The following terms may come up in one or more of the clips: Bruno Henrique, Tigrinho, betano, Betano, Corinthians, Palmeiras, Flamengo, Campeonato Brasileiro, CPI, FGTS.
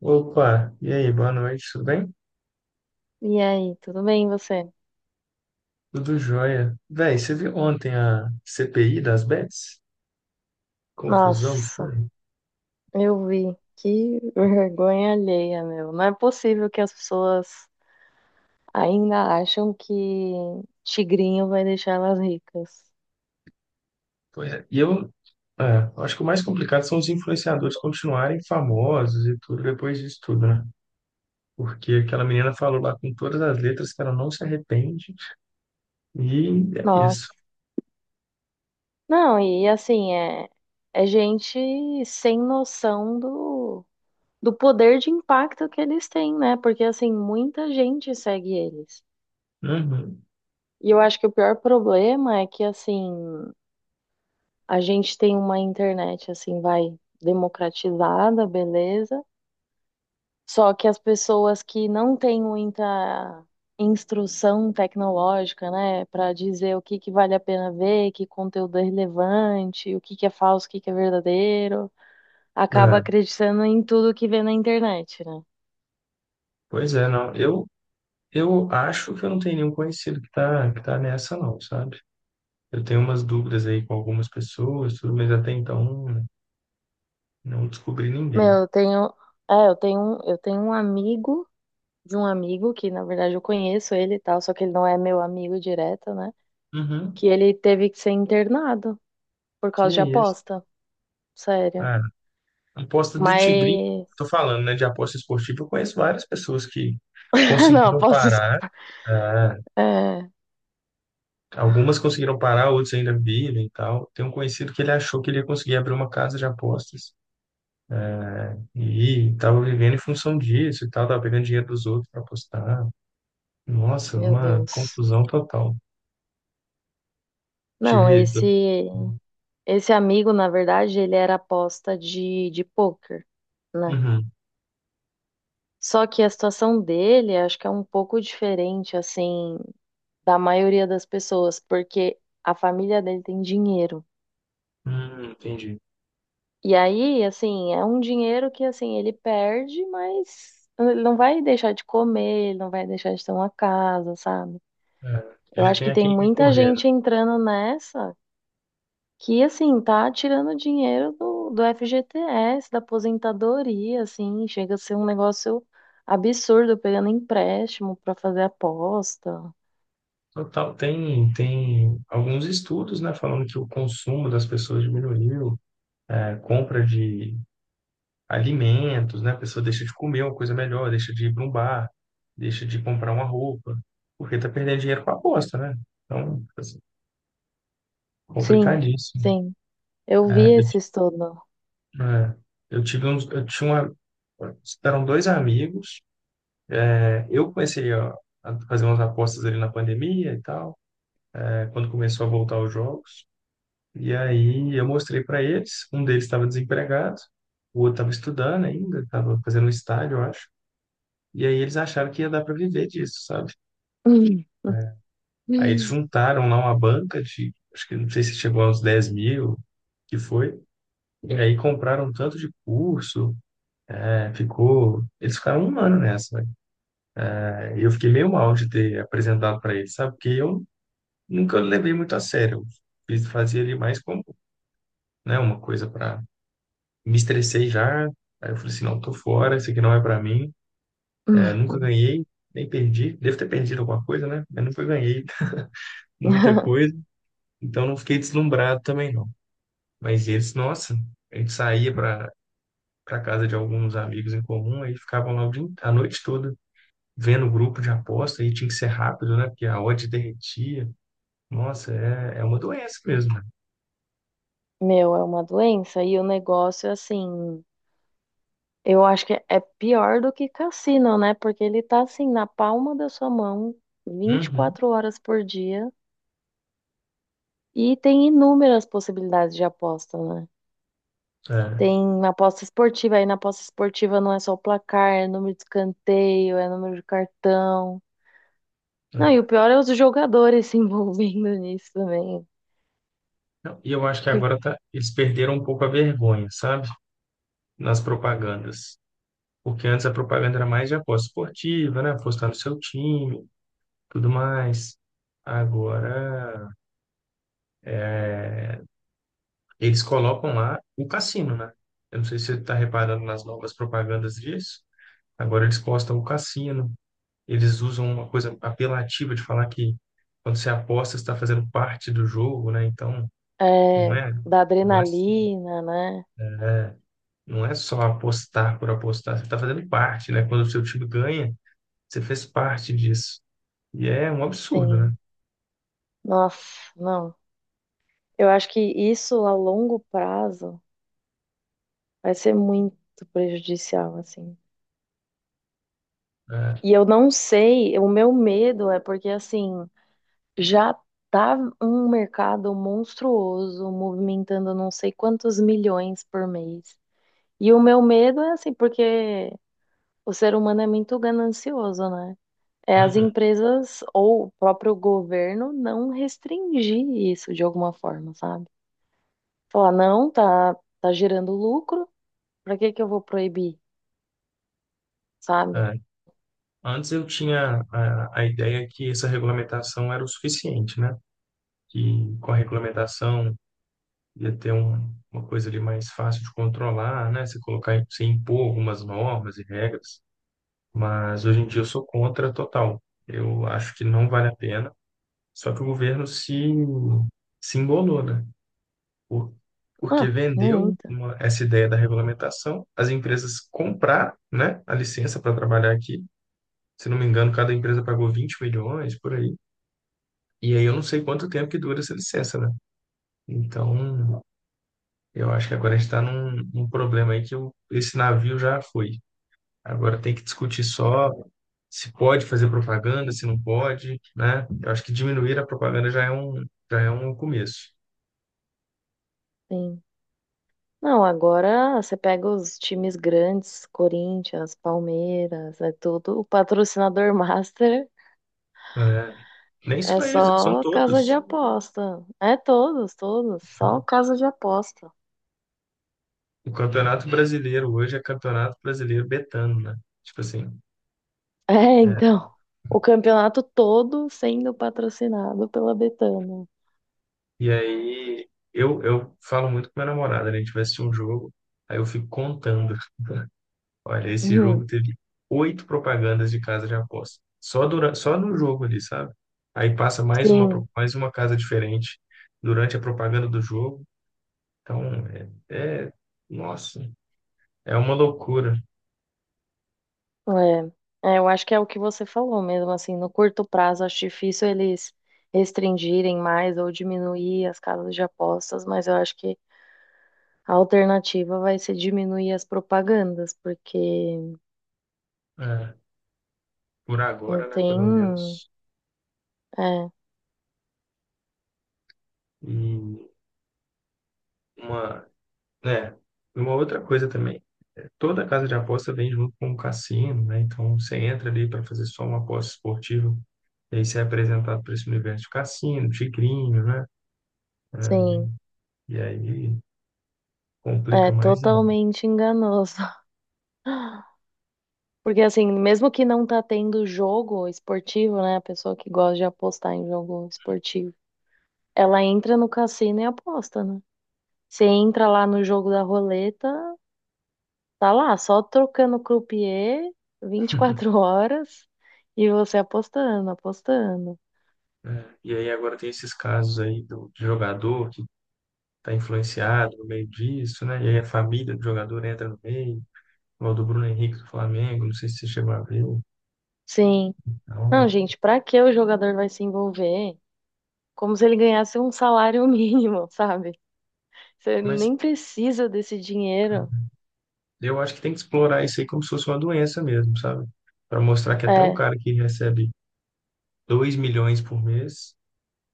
Opa, e aí, boa noite, tudo bem? E aí, tudo bem, e você? Tudo jóia. Véi, você viu ontem a CPI das bets? Confusão que Nossa, foi. eu vi. Que vergonha alheia, meu. Não é possível que as pessoas ainda acham que tigrinho vai deixar elas ricas. Pois é. E é, eu acho que o mais complicado são os influenciadores continuarem famosos e tudo depois disso tudo, né? Porque aquela menina falou lá com todas as letras que ela não se arrepende e é isso. Nossa. Não, e assim, é gente sem noção do poder de impacto que eles têm, né? Porque, assim, muita gente segue eles. Uhum. E eu acho que o pior problema é que, assim. A gente tem uma internet assim, vai democratizada, beleza? Só que as pessoas que não têm muita instrução tecnológica, né, para dizer o que que vale a pena ver, que conteúdo é relevante, o que que é falso, o que que é verdadeiro, acaba É, acreditando em tudo que vê na internet, né? pois é, não. Eu acho que eu não tenho nenhum conhecido que tá nessa, não, sabe? Eu tenho umas dúvidas aí com algumas pessoas, tudo, mas até então, né. Não descobri Meu, ninguém. Eu tenho, eu tenho um amigo de um amigo que na verdade eu conheço ele e tal, só que ele não é meu amigo direto, né? Uhum. Que ele teve que ser internado por Que causa de é isso? aposta, sério. Ah, aposta do Tigrinho, Mas. tô falando, né? De aposta esportiva, eu conheço várias pessoas que Não, conseguiram parar. Ah, É, algumas conseguiram parar, outras ainda vivem e tal. Tem um conhecido que ele achou que ele ia conseguir abrir uma casa de apostas e estava vivendo em função disso e tal, tava pegando dinheiro dos outros para apostar. Nossa, meu uma Deus. confusão total. Não, Tive. Esse amigo, na verdade, ele era aposta de poker né? Uhum. Só que a situação dele, acho que é um pouco diferente, assim, da maioria das pessoas, porque a família dele tem dinheiro. Entendi. E aí, assim, é um dinheiro que, assim, ele perde, mas ele não vai deixar de comer, ele não vai deixar de ter uma casa, sabe? É, Eu ele acho tem que a tem quem muita recorrer. gente entrando nessa que, assim, tá tirando dinheiro do FGTS, da aposentadoria, assim, chega a ser um negócio absurdo, pegando empréstimo pra fazer aposta. Total, tem alguns estudos, né, falando que o consumo das pessoas diminuiu, é, compra de alimentos, né, a pessoa deixa de comer uma coisa melhor, deixa de ir para um bar, deixa de comprar uma roupa, porque tá perdendo dinheiro com a aposta, né? Então, assim, Sim, complicadíssimo. sim, eu vi É, eu, esse ti- estudo. é, eu tive uns, eu tinha uma, eram dois amigos. Eu comecei a fazer umas apostas ali na pandemia e tal, quando começou a voltar os jogos. E aí eu mostrei para eles, um deles estava desempregado, o outro estava estudando ainda, estava fazendo um estágio, eu acho. E aí eles acharam que ia dar para viver disso, sabe? Aí eles juntaram lá uma banca de, acho que não sei se chegou aos 10 mil, que foi. E aí compraram um tanto de curso, né, ficou. Eles ficaram um ano nessa, né? E eu fiquei meio mal de ter apresentado para eles, sabe? Porque eu nunca levei muito a sério. Eu fazia ali mais como, né, uma coisa para me estressei já. Aí eu falei assim, não, tô fora, isso aqui não é pra mim. Nunca ganhei, nem perdi. Devo ter perdido alguma coisa, né? Mas nunca ganhei muita coisa. Então não fiquei deslumbrado também, não. Mas eles, nossa, a gente saía pra casa de alguns amigos em comum, aí ficavam lá a noite toda vendo o grupo de aposta, aí tinha que ser rápido, né? Porque a odd derretia. Nossa, é, é uma doença mesmo, né? Meu, é uma doença e o negócio, assim, eu acho que é pior do que cassino, né? Porque ele tá, assim, na palma da sua mão, vinte e Uhum, quatro horas por dia. E tem inúmeras possibilidades de aposta, né? é, Tem aposta esportiva, aí na aposta esportiva não é só o placar, é número de escanteio, é número de cartão. Não, e o é. pior é os jogadores se envolvendo nisso também. Não, e eu acho que Tipo, agora eles perderam um pouco a vergonha, sabe? Nas propagandas. Porque antes a propaganda era mais de aposta esportiva, né? Apostar no seu time, tudo mais. Agora, eles colocam lá o cassino, né? Eu não sei se você está reparando nas novas propagandas disso. Agora eles postam o cassino. Eles usam uma coisa apelativa de falar que quando você aposta, você está fazendo parte do jogo, né? Então, não é, é, da não é, adrenalina, né? não é só apostar por apostar, você está fazendo parte, né? Quando o seu time ganha, você fez parte disso. E é um absurdo, né? Tem. Nossa, não. Eu acho que isso a longo prazo vai ser muito prejudicial, assim. É. E eu não sei, o meu medo é porque, assim. Já tá um mercado monstruoso, movimentando não sei quantos milhões por mês. E o meu medo é assim, porque o ser humano é muito ganancioso, né? É as Uhum. empresas ou o próprio governo não restringir isso de alguma forma, sabe? Falar, não, tá gerando lucro, pra que que eu vou proibir, sabe? É, antes eu tinha a ideia que essa regulamentação era o suficiente, né? Que com a regulamentação ia ter uma coisa ali mais fácil de controlar, né? Você colocar, você impor algumas normas e regras, mas hoje em dia eu sou contra total. Eu acho que não vale a pena. Só que o governo se embolou, né? Por- porque Ah, vendeu muita, essa ideia da regulamentação, as empresas compraram, né, a licença para trabalhar aqui. Se não me engano, cada empresa pagou 20 milhões por aí. E aí eu não sei quanto tempo que dura essa licença, né? Então, eu acho que agora a gente está num problema aí que esse navio já foi. Agora tem que discutir só se pode fazer propaganda, se não pode, né? Eu acho que diminuir a propaganda já é já é um começo, sim. Não, agora você pega os times grandes, Corinthians, Palmeiras, é tudo. O patrocinador master né? Nem é só eles, são só casa de todos. aposta. Todos, só casa de aposta. O Campeonato Brasileiro hoje é Campeonato Brasileiro betano, né? Tipo assim. É, é, então, o campeonato todo sendo patrocinado pela Betano. E aí eu falo muito com minha namorada, né? A gente vai assistir um jogo, aí eu fico contando. Olha, esse jogo Uhum, teve oito propagandas de casa de aposta. Só durante, só no jogo ali, sabe? Aí passa sim, mais uma casa diferente durante a propaganda do jogo. Então, é, é- nossa, é uma loucura. é. É, eu acho que é o que você falou mesmo, assim, no curto prazo acho difícil eles restringirem mais ou diminuir as casas de apostas, mas eu acho que a alternativa vai ser diminuir as propagandas, porque É, por não agora, né? tem. Pelo menos. É, E uma, né? Uma outra coisa também. Toda casa de aposta vem junto com o cassino, né? Então você entra ali para fazer só uma aposta esportiva, e aí você é apresentado para esse universo de cassino, tigrinho, né? É, sim. E aí complica É mais ainda, totalmente enganoso. Porque, assim, mesmo que não tá tendo jogo esportivo, né? A pessoa que gosta de apostar em jogo esportivo, ela entra no cassino e aposta, né? Você entra lá no jogo da roleta, tá lá, só trocando croupier 24 horas e você apostando, apostando. né? E aí agora tem esses casos aí do de jogador que está influenciado no meio disso, né? E aí a família do jogador entra no meio, igual do Bruno Henrique do Flamengo, não sei se você chegou a ver. Sim. Não, Então, gente, pra que o jogador vai se envolver? Como se ele ganhasse um salário mínimo, sabe? Se ele mas nem precisa desse dinheiro. eu acho que tem que explorar isso aí como se fosse uma doença mesmo, sabe? Para mostrar que até um É. cara que recebe 2 milhões por mês,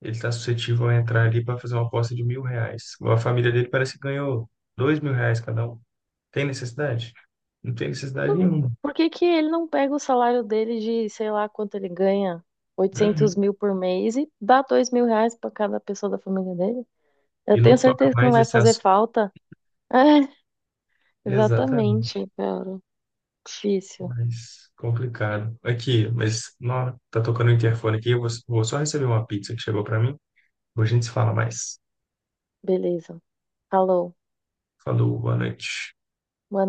ele está suscetível a entrar ali para fazer uma aposta de mil reais. A família dele parece que ganhou dois mil reais cada um. Tem necessidade? Não tem necessidade nenhuma. Por que que ele não pega o salário dele de, sei lá, quanto ele ganha? oitocentos Uhum. mil por mês e dá R$ 2.000 para cada pessoa da família dele? Eu E tenho não toca certeza que não mais vai esse fazer assunto. falta. É, Exatamente. exatamente, cara. Difícil. Mas complicado. Aqui, mas não, tá tocando o interfone aqui. Eu vou só receber uma pizza que chegou para mim. Hoje a gente se fala mais. Beleza. Falou. Falou, boa noite.